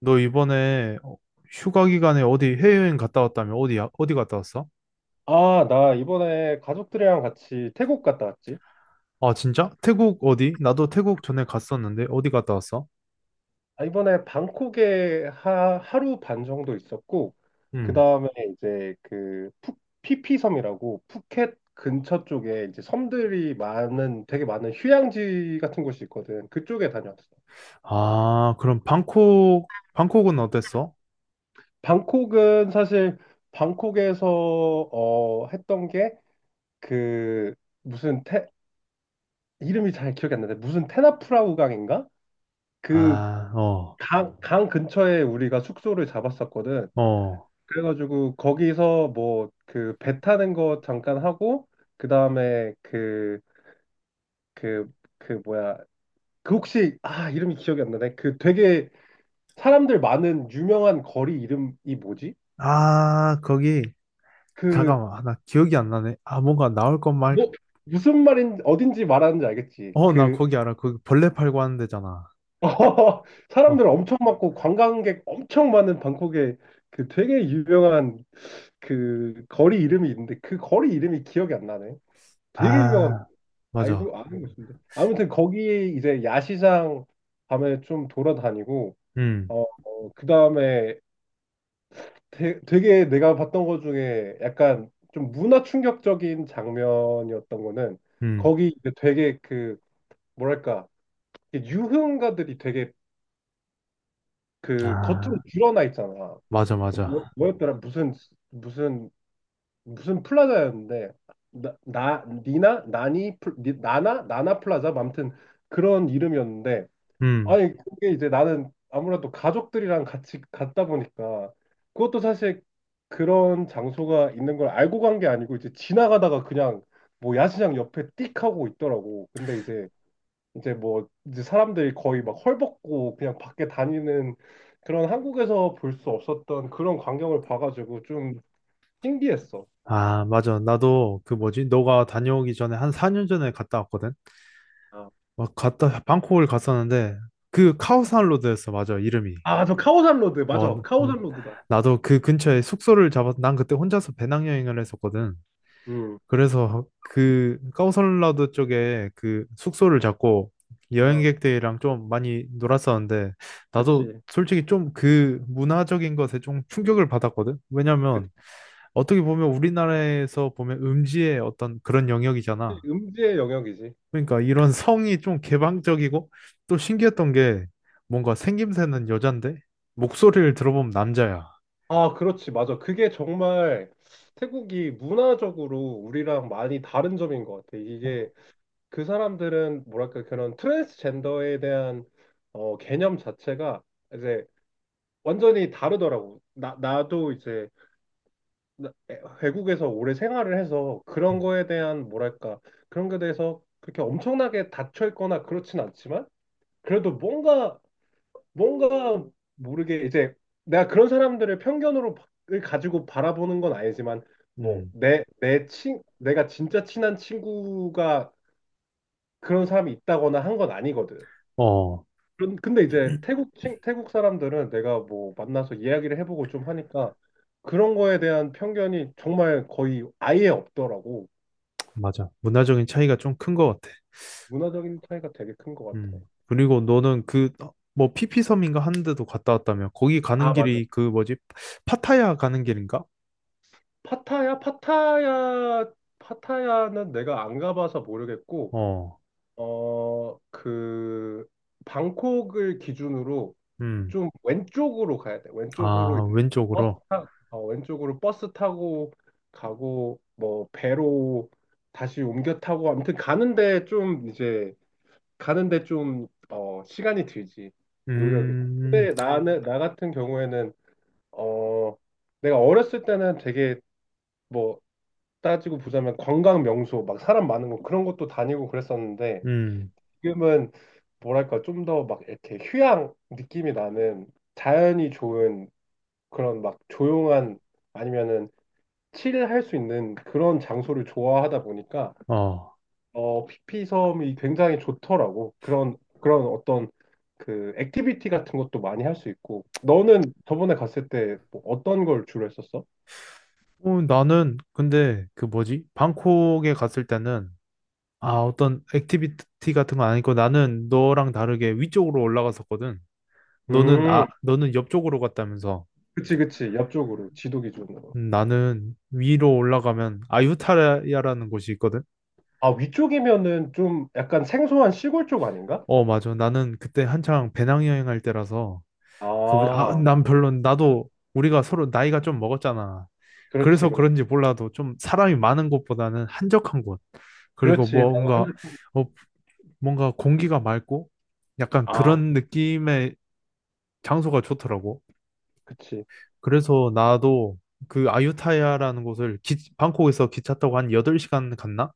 너 이번에 휴가 기간에 어디 해외여행 갔다 왔다며? 어디야? 어디 갔다 왔어? 아, 나 이번에 가족들이랑 같이 태국 갔다 왔지. 아, 진짜? 태국 어디? 나도 태국 전에 갔었는데 어디 갔다 왔어? 아, 이번에 방콕에 하루 반 정도 있었고, 그 음. 다음에 이제 피피섬이라고 푸켓 근처 쪽에 이제 되게 많은 휴양지 같은 곳이 있거든. 그쪽에 다녀왔어. 아, 그럼 방콕, 방콕은 어땠어? 방콕은 사실 방콕에서 했던 게 그 무슨 테, 이름이 잘 기억이 안 나는데 무슨 테나프라 우강인가? 그 아, 어, 강 근처에 우리가 숙소를 잡았었거든. 어. 그래가지고 거기서 뭐 그 배 타는 거 잠깐 하고 그 다음에 그 그 그 뭐야 그 혹시 아 이름이 기억이 안 나네. 그 되게 사람들 많은 유명한 거리 이름이 뭐지? 아, 거기, 그 잠깐만. 아, 나 기억이 안 나네. 아, 뭔가 나올 것 말, 뭐, 무슨 말인 어딘지 말하는지 알겠지? 어, 나 그 거기 알아. 거기 벌레 팔고 하는 데잖아. 어, 사람들 엄청 많고 관광객 엄청 많은 방콕에 그 되게 유명한 그 거리 이름이 있는데 그 거리 이름이 기억이 안 나네. 되게 유명한 아, 맞아. 알고 아는 곳인데 아무튼 거기 이제 야시장 밤에 좀 돌아다니고 음, 어, 그 다음에 되게 내가 봤던 것 중에 약간 좀 문화 충격적인 장면이었던 거는 음. 거기 이제 되게 그 뭐랄까 유흥가들이 되게 그 겉으로 아, 드러나 있잖아. 맞아, 뭐, 맞아. 뭐였더라 무슨 무슨 플라자였는데 나, 나 니나 나니 플- 니- 나나 나나 플라자 아무튼 그런 이름이었는데, 음. 아니 그게 이제 나는 아무래도 가족들이랑 같이 갔다 보니까 그것도 사실 그런 장소가 있는 걸 알고 간 게 아니고 이제 지나가다가 그냥 뭐 야시장 옆에 띡 하고 있더라고. 근데 이제 사람들이 거의 막 헐벗고 그냥 밖에 다니는 그런 한국에서 볼 수 없었던 그런 광경을 봐가지고 좀 신기했어. 아, 맞아. 나도 그 뭐지? 너가 다녀오기 전에 한 4년 전에 갔다 왔거든. 아, 막 갔다 방콕을 갔었는데 그 카오산 로드였어. 맞아. 이름이. 아, 저 카오산 로드 어, 맞아. 카오산 로드다. 나도 그 근처에 숙소를 잡아서 난 그때 혼자서 배낭여행을 했었거든. 음. 그래서 그 카오산 로드 쪽에 그 숙소를 잡고 아, 여행객들이랑 좀 많이 놀았었는데 나도 그치. 솔직히 좀 그 문화적인 것에 좀 충격을 받았거든. 그치. 왜냐면 어떻게 보면 우리나라에서 보면 음지의 어떤 그런 영역이잖아. 음지의 영역이지. 그러니까 이런 성이 좀 개방적이고 또 신기했던 게 뭔가 생김새는 여잔데 목소리를 들어보면 남자야. 아, 그렇지. 맞아. 그게 정말 태국이 문화적으로 우리랑 많이 다른 점인 것 같아. 어, 이게 그 사람들은 뭐랄까 그런 트랜스젠더에 대한 개념 자체가 이제 완전히 다르더라고. 나도 이제 외국에서 오래 생활을 해서 그런 음, 거에 대한 뭐랄까 그런 거에 대해서 그렇게 엄청나게 닫혀 있거나 그렇진 않지만 그래도 뭔가 모르게 이제 내가 그런 사람들을 을 가지고 바라보는 건 아니지만 뭐 음. 내 내 친 내가 진짜 친한 친구가 그런 사람이 있다거나 한 건 아니거든. 어, 근데 이제 태국 사람들은 내가 뭐 만나서 이야기를 해보고 좀 하니까 그런 거에 대한 편견이 정말 거의 아예 없더라고. 맞아. 문화적인 차이가 좀 큰 것 같아. 문화적인 차이가 되게 큰 것 음. 같아. 그리고 너는 그 뭐 피피섬인가 하는 데도 갔다 왔다며. 거기 가는 아, 맞아. 길이 그 뭐지? 파타야 가는 길인가? 파타야, 파타야, 파타야는 내가 안 가봐서 모르겠고. 어. 어, 그, 방콕을 기준으로 음. 좀 왼쪽으로 가야 돼. 왼쪽으로 아, 이제 왼쪽으로. 왼쪽으로 버스 타고 가고, 뭐, 배로 다시 옮겨 타고, 아무튼 가는데 좀, 시간이 들지. 노력이. 음. 근데 나는, 나 같은 경우에는, 어, 내가 어렸을 때는 되게 뭐, 따지고 보자면 관광 명소, 막 사람 많은 거 그런 것도 다니고 그랬었는데, 음. 지금은 뭐랄까 좀 더 막 이렇게 휴양 느낌이 나는 자연이 좋은 그런 막 조용한 아니면은 칠할 수 있는 그런 장소를 좋아하다 보니까 어. 어 피피섬이 굉장히 좋더라고. 그런 어떤 그 액티비티 같은 것도 많이 할 수 있고. 너는 저번에 갔을 때뭐 어떤 걸 주로 했었어? 어, 나는 근데 그 뭐지? 방콕에 갔을 때는 아, 어떤 액티비티 같은 건 아니고 나는 너랑 다르게 위쪽으로 올라갔었거든. 너는 음 아, 너는 옆쪽으로 갔다면서. 그치 옆쪽으로 지도 기준으로. 나는 위로 올라가면 아유타야라는 곳이 있거든. 아 위쪽이면은 좀 약간 생소한 시골 쪽 아닌가? 어, 맞아. 나는 그때 한창 배낭여행 할 때라서 그 뭐지? 아, 아 난 별로 나도 우리가 서로 나이가 좀 먹었잖아. 그렇지 그래서 그렇지. 그런지 몰라도 좀 사람이 많은 곳보다는 한적한 곳. 그리고 그렇지. 나도 한, 뭔가 어, 뭔가 공기가 맑고 약간 아, 그런 느낌의 장소가 좋더라고. 그치. 그래서 나도 그 아유타야라는 곳을 기, 방콕에서 기차 타고 한 8시간 갔나?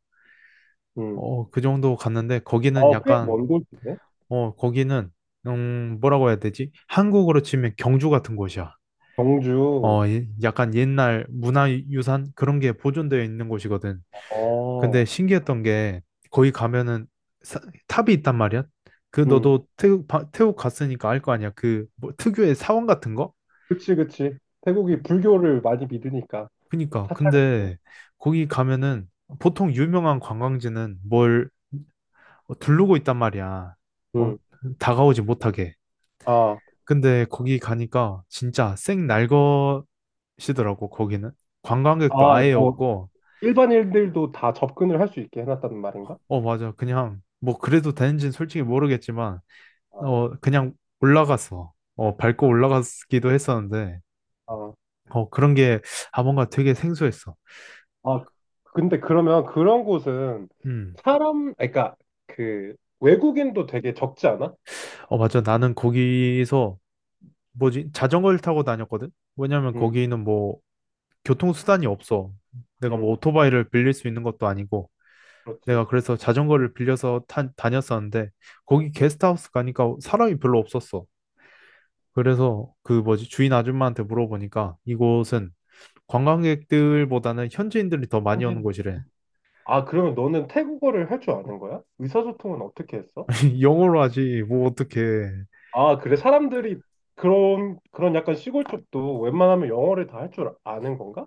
음. 어, 그 정도 갔는데 거기는 어, 꽤 약간 먼 곳이네. 어, 거기는 뭐라고 해야 되지? 한국으로 치면 경주 같은 곳이야. 경주. 어, 예- 약간 옛날 문화유산 그런 게 보존되어 있는 곳이거든. 근데 어, 신기했던 게 거기 가면은 사- 탑이 있단 말이야. 그 음. 너도 태국, 바- 태국 갔으니까 알 거 아니야. 그뭐 특유의 사원 같은 거? 그치, 그치. 태국이 불교를 많이 믿으니까. 그니까 사찰이고. 근데 거기 가면은 보통 유명한 관광지는 뭘 두르고 있단 말이야. 어, 음. 다가오지 못하게. 아, 근데 거기 가니까 진짜 생 날것이더라고 거기는. 관광객도 아, 아예 뭐, 없고 일반인들도 다 접근을 할 수 있게 해놨다는 말인가? 어 맞아 그냥 뭐 그래도 되는지는 솔직히 모르겠지만 아, 어 그냥 올라가서 어 밟고 올라갔기도 했었는데 아, 어 그런 게 아 뭔가 되게 생소했어. 아. 근데 그러면 그런 곳은 음. 사람, 아니, 그러니까 그 외국인도 되게 적지 않아? 어 맞아 나는 거기서 뭐지? 자전거를 타고 다녔거든? 왜냐면 음, 거기는 뭐 교통수단이 없어. 내가 음, 뭐 오토바이를 빌릴 수 있는 것도 아니고. 그렇지. 내가 그래서 자전거를 빌려서 탄, 다녔었는데 거기 게스트하우스 가니까 사람이 별로 없었어. 그래서 그 뭐지? 주인 아줌마한테 물어보니까 이곳은 관광객들보다는 현지인들이 더 많이 오는 현지인. 곳이래. 아, 그러면 너는 태국어를 할 줄 아는 거야? 의사소통은 어떻게 했어? 영어로 하지. 뭐 어떡해. 아, 그래. 사람들이 그런 약간 시골 쪽도 웬만하면 영어를 다 할 줄 아는 건가?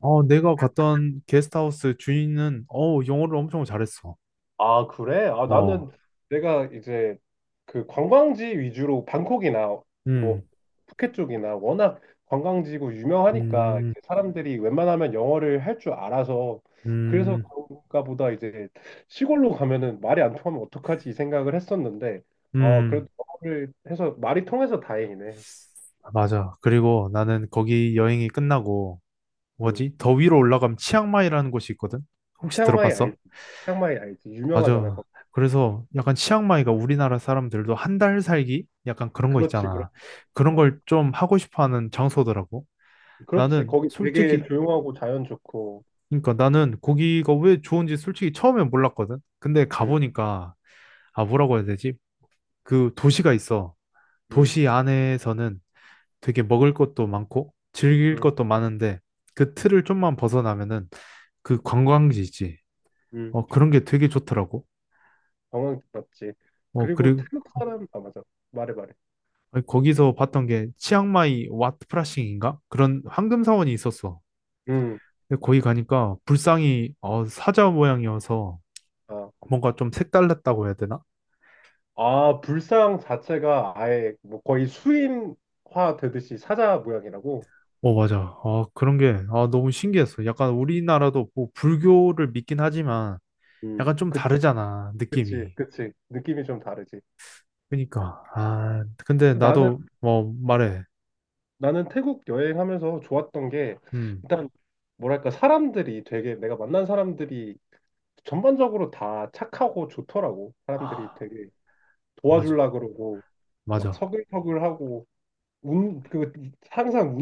어, 내가 갔던 게스트하우스 주인은 영어를 엄청 잘했어. 아, 그래? 아, 어. 나는 내가 이제 그 관광지 위주로 방콕이나 뭐 음. 푸켓 쪽이나 워낙 관광지고 유명하니까 음. 이제 사람들이 웬만하면 영어를 할 줄 알아서 그래서 음. 그런가 보다. 이제 시골로 가면은 말이 안 통하면 어떡하지 이 생각을 했었는데, 어, 음, 그래도 영어를 해서 말이 통해서 다행이네. 맞아. 그리고 나는 거기 여행이 끝나고, 음. 뭐지? 더 위로 올라가면 치앙마이라는 곳이 있거든? 혹시 치앙마이 들어봤어? 알지? 치앙마이 알지? 유명하잖아. 맞아. 그래서 약간 치앙마이가 우리나라 사람들도 한 달 살기? 약간 그런 거 그렇지, 있잖아. 그런 그렇죠. 걸 좀 하고 싶어 하는 장소더라고. 그렇지. 나는 거기 되게 솔직히, 조용하고 자연 좋고. 그러니까 나는 거기가 왜 좋은지 솔직히 처음엔 몰랐거든? 근데 응, 가보니까, 아, 뭐라고 해야 되지? 그 도시가 있어. 응, 도시 안에서는 되게 먹을 것도 많고 즐길 응, 것도 많은데 그 틀을 좀만 벗어나면은 그 관광지 있지. 응. 어, 그런 게 되게 좋더라고. 관광지 맞지. 어, 그리고 그리고 태국 사람, 아, 맞아. 말해, 말해. 거기서 봤던 게 치앙마이 왓 프라싱인가? 그런 황금 사원이 있었어. 응, 근데 거기 가니까 불상이 사자 모양이어서 아. 뭔가 좀 색달랐다고 해야 되나? 아, 불상 자체가 아예 뭐 거의 수인화 되듯이 사자 모양이라고. 어, 맞아. 아, 그런 게 아, 너무 신기했어. 약간 우리나라도 뭐 불교를 믿긴 하지만 응, 약간 좀 그, 다르잖아, 그치, 느낌이. 그치. 느낌이 좀 다르지. 그니까 아 근데 나는, 나도 뭐 말해 나는 태국 여행하면서 좋았던 게, 음 일단, 뭐랄까, 내가 만난 사람들이 전반적으로 다 착하고 좋더라고. 사람들이 아, 되게. 맞아 도와주려 그러고 막 맞아 서글서글하고 운그 항상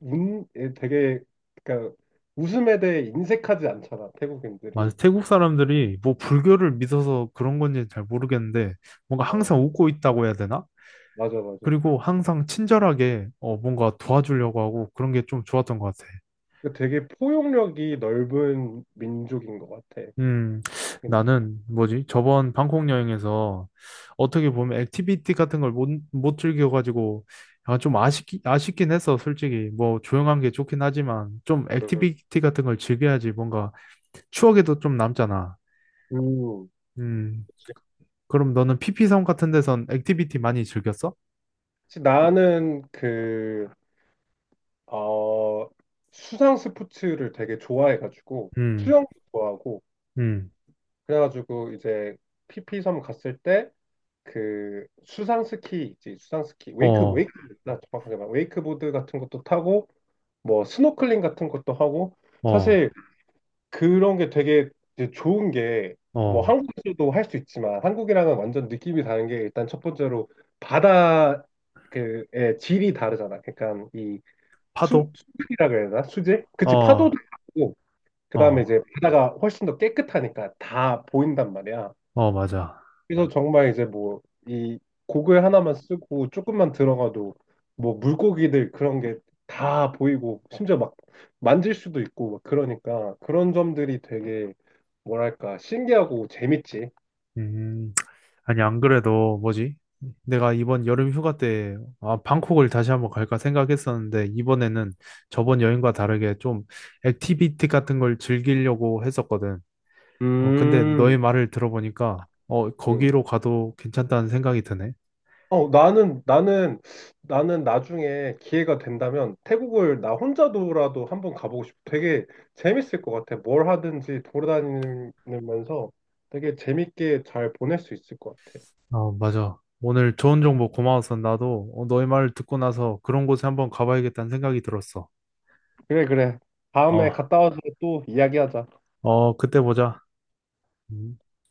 운운 되게 그러니까 웃음에 대해 인색하지 않잖아 태국인들이. 맞아 태국 사람들이 뭐 불교를 믿어서 그런 건지 잘 모르겠는데 뭔가 어 항상 웃고 있다고 해야 되나? 맞아 맞아 그리고 항상 친절하게 어 뭔가 도와주려고 하고 그런 게 좀 좋았던 것 같아. 그 되게 포용력이 넓은 민족인 것 같아. 음, 음 나는 뭐지? 저번 방콕 여행에서 어떻게 보면 액티비티 같은 걸 못 즐겨가지고 약간 좀 아쉽기, 아쉽긴 했어, 솔직히. 뭐 조용한 게 좋긴 하지만 좀 액티비티 같은 걸 즐겨야지 뭔가 추억에도 좀 남잖아. 음, 그치. 그럼 너는 피피섬 같은 데선 액티비티 많이 즐겼어? 그치, 나는 그 어 수상 스포츠를 되게 좋아해가지고 음, 수영도 좋아하고 음, 그래가지고 이제 PP섬 갔을 때 그 수상 스키 있지. 수상 스키 웨이크 웨이크 어, 나 정확하게 말 웨이크보드 같은 것도 타고 뭐 스노클링 같은 것도 하고. 어, 사실 그런 게 되게 이제 좋은 게 뭐 어, 한국에서도 할 수 있지만 한국이랑은 완전 느낌이 다른 게 일단 첫 번째로 바다 그의 질이 다르잖아. 그러니까 이 파도? 수질이라 그래야 되나. 수질 그치. 어, 파도도 다르고 그다음에 이제 어, 바다가 훨씬 더 깨끗하니까 다 보인단 말이야. 어, 맞아. 그래서 정말 이제 뭐 이 고글 하나만 쓰고 조금만 들어가도 뭐 물고기들 그런 게 다 보이고 심지어 막 만질 수도 있고 막 그러니까 그런 점들이 되게 뭐랄까 신기하고 재밌지. 음. 아니, 안 그래도 뭐지? 내가 이번 여름 휴가 때 아, 방콕을 다시 한번 갈까 생각했었는데 이번에는 저번 여행과 다르게 좀 액티비티 같은 걸 즐기려고 했었거든. 어, 근데 너의 음. 말을 들어보니까 어, 음. 거기로 가도 괜찮다는 생각이 드네. 어 나는 나중에 기회가 된다면 태국을 나 혼자도라도 한번 가보고 싶어. 되게 재밌을 것 같아. 뭘 하든지 돌아다니면서 되게 재밌게 잘 보낼 수 있을 것 같아. 어, 맞아. 오늘 좋은 정보 고마웠어. 나도 너의 말을 듣고 나서 그런 곳에 한번 가봐야겠다는 생각이 들었어. 그래, 그래. 어, 다음에 갔다 와서 또 이야기하자. 어, 그때 보자. 음.